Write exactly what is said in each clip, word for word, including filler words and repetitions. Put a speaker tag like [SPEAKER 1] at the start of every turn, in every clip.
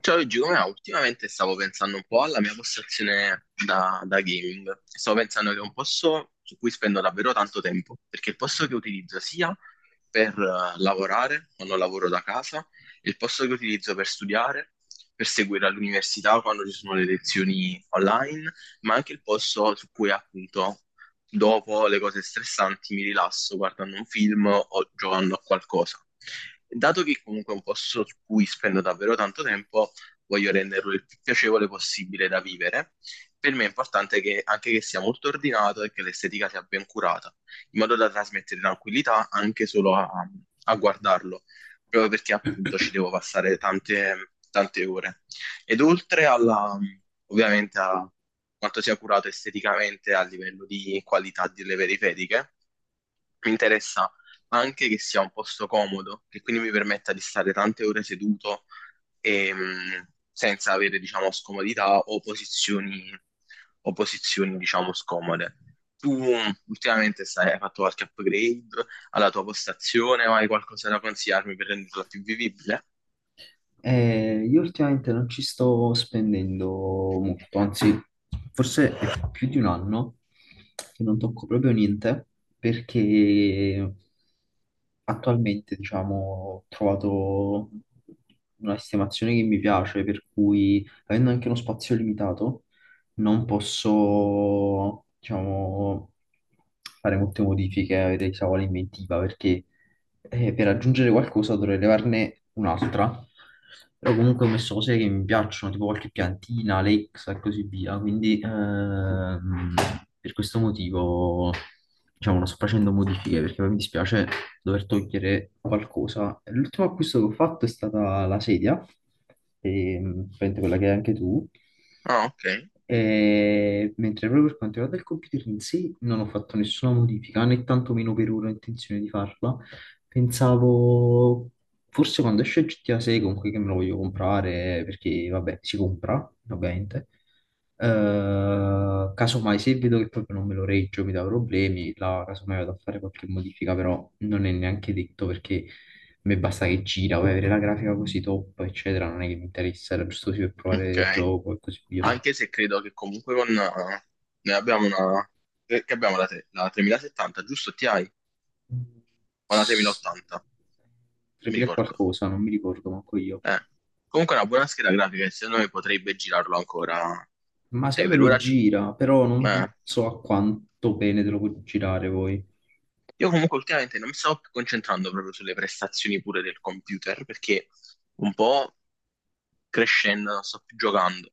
[SPEAKER 1] Ciao Giulia, ultimamente stavo pensando un po' alla mia postazione da, da gaming. Stavo pensando che è un posto su cui spendo davvero tanto tempo, perché è il posto che utilizzo sia per eh, lavorare quando lavoro da casa, il posto che utilizzo per studiare, per seguire all'università quando ci sono le lezioni online, ma anche il posto su cui appunto dopo le cose stressanti mi rilasso guardando un film o giocando a qualcosa. Dato che comunque è un posto su cui spendo davvero tanto tempo, voglio renderlo il più piacevole possibile da vivere. Per me è importante che, anche che sia molto ordinato e che l'estetica sia ben curata, in modo da trasmettere tranquillità anche solo a, a guardarlo, proprio perché appunto ci devo passare tante, tante ore. Ed oltre alla, ovviamente a quanto sia curato esteticamente a livello di qualità delle periferiche, mi interessa anche che sia un posto comodo, che quindi mi permetta di stare tante ore seduto e, mh, senza avere, diciamo, scomodità o posizioni, o posizioni, diciamo, scomode. Tu mh, ultimamente stai, hai fatto qualche upgrade alla tua postazione o hai qualcosa da consigliarmi per renderla più vivibile?
[SPEAKER 2] Eh, io ultimamente non ci sto spendendo molto, anzi, forse è più di un anno che non tocco proprio niente perché attualmente, diciamo, ho trovato una sistemazione che mi piace, per cui avendo anche uno spazio limitato, non posso, diciamo, fare molte modifiche, avere chissà quale inventiva perché e per aggiungere qualcosa dovrei levarne un'altra. Però comunque ho messo cose che mi piacciono, tipo qualche piantina, Alexa e così via. Quindi ehm, per questo motivo, diciamo, non sto facendo modifiche perché poi mi dispiace dover togliere qualcosa. L'ultimo acquisto che ho fatto è stata la sedia, ehm, praticamente quella che hai anche tu.
[SPEAKER 1] Ah, ok,
[SPEAKER 2] E mentre proprio per quanto riguarda il computer in sé non ho fatto nessuna modifica, né tantomeno per ora ho intenzione di farla. Pensavo, forse quando esce G T A sei, comunque, che me lo voglio comprare, perché vabbè, si compra, ovviamente. Eh, casomai se vedo che proprio non me lo reggio, mi dà problemi, là casomai vado a fare qualche modifica, però non è neanche detto perché a me basta che gira, vuoi avere la grafica così top, eccetera, non è che mi interessa, era giusto così per provare il
[SPEAKER 1] ok.
[SPEAKER 2] gioco e così via.
[SPEAKER 1] Anche se credo che comunque con... eh, noi abbiamo una... eh, Che abbiamo la, tre- la tremila settanta, giusto? Ti hai? O la tremila ottanta? Mi
[SPEAKER 2] tremila e
[SPEAKER 1] ricordo.
[SPEAKER 2] qualcosa, non mi ricordo manco io.
[SPEAKER 1] Eh. Comunque è una buona scheda grafica e secondo me potrebbe girarlo ancora.
[SPEAKER 2] Ma
[SPEAKER 1] Cioè,
[SPEAKER 2] secondo
[SPEAKER 1] per
[SPEAKER 2] me lo
[SPEAKER 1] ora... gio-
[SPEAKER 2] gira, però
[SPEAKER 1] ma
[SPEAKER 2] non so a quanto bene te lo puoi girare poi.
[SPEAKER 1] io comunque ultimamente non mi sto più concentrando proprio sulle prestazioni pure del computer, perché un po' crescendo, non sto più giocando,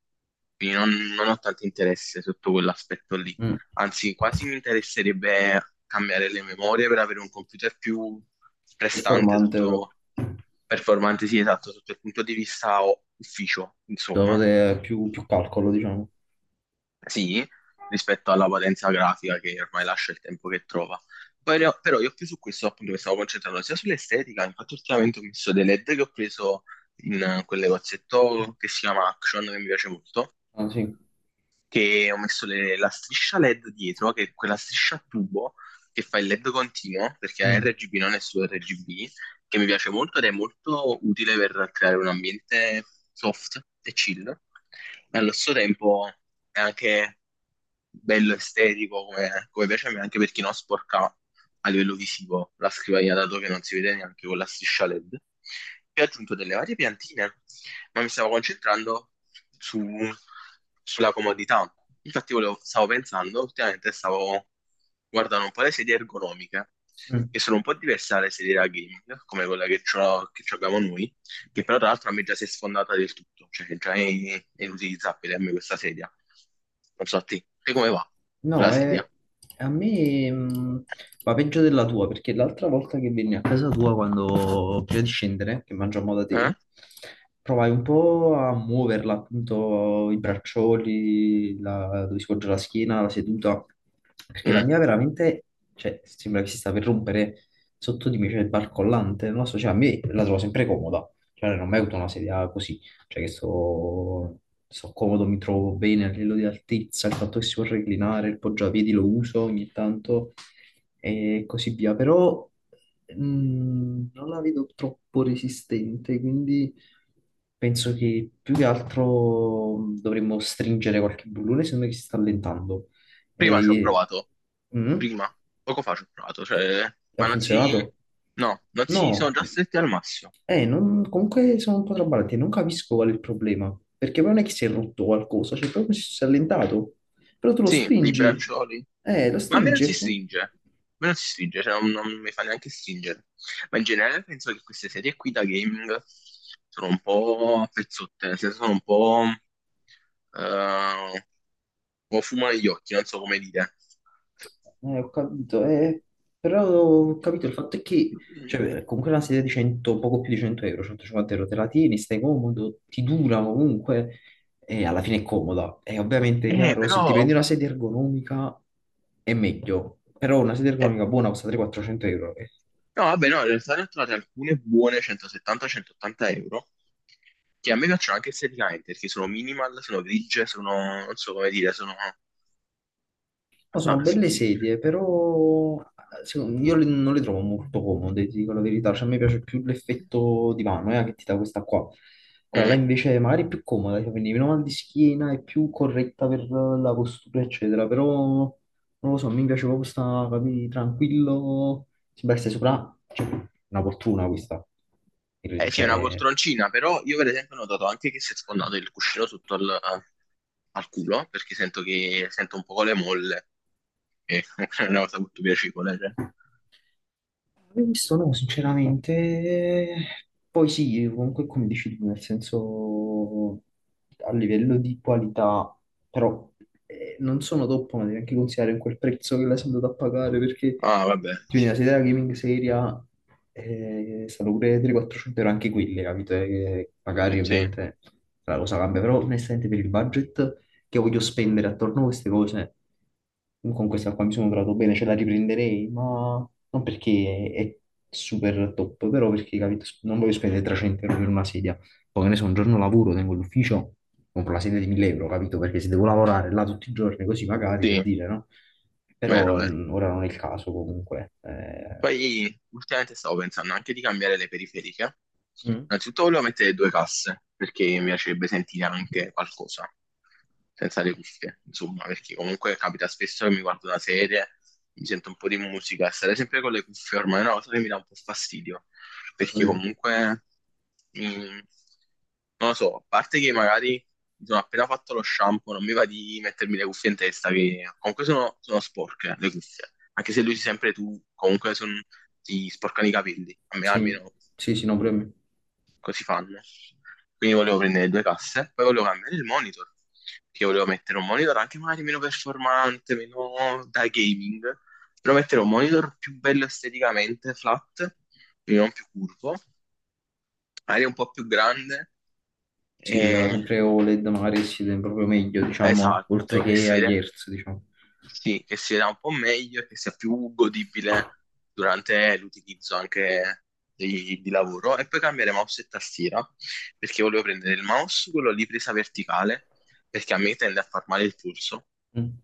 [SPEAKER 1] quindi non, non ho tanto interesse sotto quell'aspetto lì.
[SPEAKER 2] Mm.
[SPEAKER 1] Anzi, quasi mi interesserebbe cambiare le memorie per avere un computer più prestante
[SPEAKER 2] Performante però.
[SPEAKER 1] sotto performante, sì, esatto, sotto il punto di vista o- ufficio,
[SPEAKER 2] Devo
[SPEAKER 1] insomma.
[SPEAKER 2] avere più, più calcolo, diciamo.
[SPEAKER 1] Sì, rispetto alla potenza grafica che ormai lascia il tempo che trova. Poi ne ho- però io più su questo appunto mi stavo concentrando sia sull'estetica, infatti ultimamente ho messo dei L E D che ho preso in eh, quel negozietto che si chiama Action, che mi piace molto,
[SPEAKER 2] Ah, sì.
[SPEAKER 1] che ho messo le- la striscia L E D dietro, che è quella striscia a tubo che fa il L E D continuo, perché è
[SPEAKER 2] Mm.
[SPEAKER 1] R G B, non è solo R G B, che mi piace molto ed è molto utile per creare un ambiente soft e chill. E allo stesso tempo è anche bello estetico come, come piace a me, anche per chi non sporca a livello visivo la scrivania, dato che non si vede neanche con la striscia L E D. Poi ho aggiunto delle varie piantine, ma mi stavo concentrando su, sulla comodità. Infatti volevo- stavo pensando, ultimamente stavo guardando un po' le sedie ergonomiche,
[SPEAKER 2] Mm.
[SPEAKER 1] che sono un po' diverse dalle sedie da gaming, come quella che c'ho- che abbiamo noi che però tra l'altro a me già si è sfondata del tutto, cioè che già è, è inutilizzabile a me questa sedia. Non so a te, te come va
[SPEAKER 2] No,
[SPEAKER 1] la sedia?
[SPEAKER 2] è- A me mh, va peggio della tua, perché l'altra volta che venni a casa tua, quando prima di scendere, che mangiamo da te,
[SPEAKER 1] Eh?
[SPEAKER 2] provai un po' a muoverla, appunto, i braccioli, la- dove si poggia la schiena, la seduta, perché la
[SPEAKER 1] Mm.
[SPEAKER 2] mia veramente, cioè, sembra che si sta per rompere sotto di me, cioè, è barcollante, non lo so, cioè, a me la trovo sempre comoda, cioè, non ho mai avuto una sedia così, cioè che sto, sto comodo, mi trovo bene a livello di altezza, il fatto che si può reclinare, il poggiapiedi lo uso ogni tanto e così via, però mh, non la vedo troppo resistente, quindi penso che più che altro mm, dovremmo stringere qualche bullone, sembra che si sta allentando.
[SPEAKER 1] Prima ci ho
[SPEAKER 2] E...
[SPEAKER 1] provato,
[SPEAKER 2] Mm?
[SPEAKER 1] prima, poco fa ci ho provato, cioè,
[SPEAKER 2] Ha
[SPEAKER 1] ma non si,
[SPEAKER 2] funzionato?
[SPEAKER 1] no, non si sono
[SPEAKER 2] No,
[SPEAKER 1] già stretti al massimo.
[SPEAKER 2] eh, non- comunque sono un po' traballante, non capisco qual è il problema, perché poi non è che si è rotto qualcosa, cioè proprio si è allentato, però tu lo
[SPEAKER 1] Sì, i
[SPEAKER 2] stringi,
[SPEAKER 1] braccioli.
[SPEAKER 2] eh, lo
[SPEAKER 1] Ma a me non
[SPEAKER 2] stringi,
[SPEAKER 1] si
[SPEAKER 2] ecco.
[SPEAKER 1] stringe. A me non si stringe, cioè non, non mi fa neanche stringere. Ma in generale penso che queste serie qui da gaming sono un po' a pezzotte, nel senso sono un po'... eh, o fumo negli occhi, non so come dire.
[SPEAKER 2] Eh, ho capito, eh, però ho capito, il fatto è che, cioè, comunque una sedia di cento, poco più di cento euro, centocinquanta euro, te la tieni, stai comodo, ti dura comunque e alla fine è comoda. E ovviamente,
[SPEAKER 1] Eh,
[SPEAKER 2] chiaro, se ti prendi
[SPEAKER 1] però...
[SPEAKER 2] una sedia ergonomica è meglio, però una sedia
[SPEAKER 1] eh,
[SPEAKER 2] ergonomica buona costa trecento-quattrocento euro. Eh.
[SPEAKER 1] no, vabbè, no, in realtà ne ho trovate alcune buone centosettanta centottanta euro, che a me piacciono anche esteticamente, perché sono minimal, sono grigie, sono, non so come dire, sono...
[SPEAKER 2] No, sono
[SPEAKER 1] sta- s-
[SPEAKER 2] belle
[SPEAKER 1] mm.
[SPEAKER 2] sedie, però secondo- io le- non le trovo molto comode, ti dico la verità. Cioè, a me piace più l'effetto divano, eh, che ti dà questa qua. Quella là
[SPEAKER 1] Mm.
[SPEAKER 2] invece magari è più comoda, cioè, quindi meno mal di schiena, è più corretta per la postura, eccetera. Però non lo so, mi piace proprio sta, capì, tranquillo. Si stai sopra, cioè, una fortuna questa.
[SPEAKER 1] Eh sì, è una
[SPEAKER 2] Cioè,
[SPEAKER 1] poltroncina, però io per esempio ho notato anche che si è sfondato il cuscino sotto al, al culo, perché sento che sento un po' le molle, e è una cosa molto piacevole, cioè.
[SPEAKER 2] l'ho visto, no, sinceramente. Poi sì, comunque come dici tu, nel senso a livello di qualità, però eh, non sono top, ma devi anche considerare quel prezzo che l'hai andato a pagare, perché
[SPEAKER 1] Ah, vabbè,
[SPEAKER 2] quindi la
[SPEAKER 1] sì,
[SPEAKER 2] sedia gaming seria eh, stanno pure trecento-quattrocento euro anche quelle, capito? Eh, che magari
[SPEAKER 1] sì,
[SPEAKER 2] ovviamente la cosa cambia, però onestamente per il budget che voglio spendere attorno a queste cose, con questa qua mi sono trovato bene, ce la riprenderei, ma non perché è, è super top, però perché, capito, non voglio spendere trecento euro per una sedia. Poi, che ne so, un giorno lavoro, tengo l'ufficio, compro la sedia di mille euro, capito? Perché se devo lavorare là tutti i giorni, così magari, per
[SPEAKER 1] sì,
[SPEAKER 2] dire, no?
[SPEAKER 1] vero,
[SPEAKER 2] Però
[SPEAKER 1] vero.
[SPEAKER 2] mh, ora non è il caso, comunque. Eh.
[SPEAKER 1] Poi ultimamente stavo pensando anche di cambiare le periferiche.
[SPEAKER 2] Mm.
[SPEAKER 1] Innanzitutto volevo mettere due casse, perché mi piacerebbe sentire anche qualcosa, senza le cuffie, insomma, perché comunque capita spesso che mi guardo una serie, mi sento un po' di musica, e stare sempre con le cuffie ormai è una cosa che mi dà un po' fastidio, perché
[SPEAKER 2] Capito?
[SPEAKER 1] comunque, mm, non lo so, a parte che magari mi sono appena fatto lo shampoo, non mi va di mettermi le cuffie in testa, che comunque sono, sono sporche le cuffie anche se lui si sempre tu, comunque son- ti sporcano i capelli, a me
[SPEAKER 2] Sì,
[SPEAKER 1] almeno
[SPEAKER 2] sì, sì, no, pure a me.
[SPEAKER 1] così fanno. Quindi volevo prendere due casse, poi volevo cambiare il monitor, perché volevo mettere un monitor anche magari meno performante, meno da gaming, però mettere un monitor più bello esteticamente, flat, quindi non più curvo, magari un po' più grande,
[SPEAKER 2] Sì, eh,
[SPEAKER 1] e...
[SPEAKER 2] sempre O L E D magari si vede proprio meglio, diciamo, oltre
[SPEAKER 1] esatto, che
[SPEAKER 2] che
[SPEAKER 1] si
[SPEAKER 2] a
[SPEAKER 1] vede
[SPEAKER 2] Hertz, diciamo.
[SPEAKER 1] sì, che sia un po' meglio e che sia più godibile durante l'utilizzo anche di, di lavoro. E poi cambiare mouse e tastiera, perché volevo prendere il mouse, quello lì presa verticale, perché a me tende a far male il polso
[SPEAKER 2] Mm.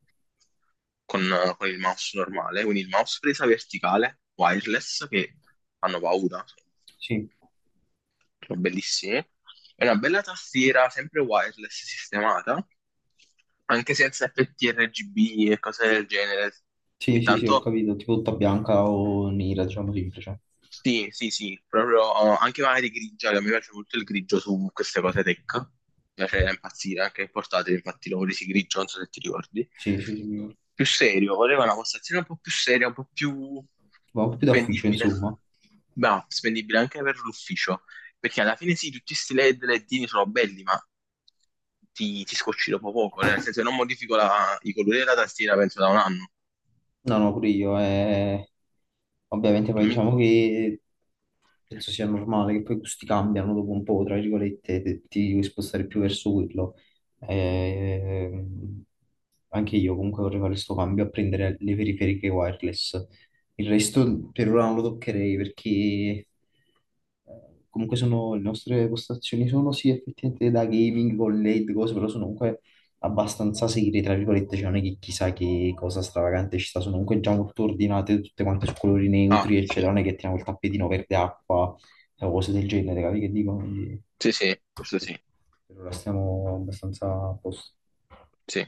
[SPEAKER 1] con, con il mouse normale. Quindi il mouse presa verticale, wireless, che fanno paura,
[SPEAKER 2] Sì,
[SPEAKER 1] sono bellissimi. E una bella tastiera, sempre wireless sistemata, anche senza F T R G B e cose del genere,
[SPEAKER 2] sì,
[SPEAKER 1] che
[SPEAKER 2] sì, sì, ho
[SPEAKER 1] tanto
[SPEAKER 2] capito, tipo tutta bianca o nera, diciamo semplice.
[SPEAKER 1] sì, sì, sì, proprio oh, anche magari grigia, che mi piace molto il grigio su queste cose tech. Mi piace impazzire, anche il portatile, infatti l'ho presi grigio, non so se ti ricordi.
[SPEAKER 2] Sì, sì, sì, mi ricordo.
[SPEAKER 1] Più serio, voleva una postazione un po' più seria, un po' più
[SPEAKER 2] Ma un po' più da ufficio,
[SPEAKER 1] spendibile.
[SPEAKER 2] insomma.
[SPEAKER 1] Ma spendibile anche per l'ufficio, perché alla fine sì, tutti questi L E D, ledini sono belli, ma ti, ti scocci dopo poco, nel senso che non modifico la- i colori della tastiera, penso da un anno.
[SPEAKER 2] No, no, pure io. eh, Ovviamente poi
[SPEAKER 1] Non mi-
[SPEAKER 2] diciamo che penso sia normale che poi i gusti cambiano dopo un po', tra virgolette, te- ti devi spostare più verso quello. Ehm, Anche io comunque vorrei fare questo cambio a prendere le periferiche wireless. Il resto per ora non lo toccherei perché eh, comunque sono, le nostre postazioni sono sì effettivamente da gaming con L E D, cose, però sono comunque abbastanza serie, tra virgolette, cioè non è che chissà che cosa stravagante ci sta, sono comunque già molto ordinate, tutte quante su colori
[SPEAKER 1] Ah,
[SPEAKER 2] neutri,
[SPEAKER 1] sì,
[SPEAKER 2] eccetera, non è che tiriamo il tappetino verde acqua o cose del genere, capi che dico? Quindi,
[SPEAKER 1] sì, sì, questo sì,
[SPEAKER 2] per ora stiamo abbastanza a posto.
[SPEAKER 1] sì.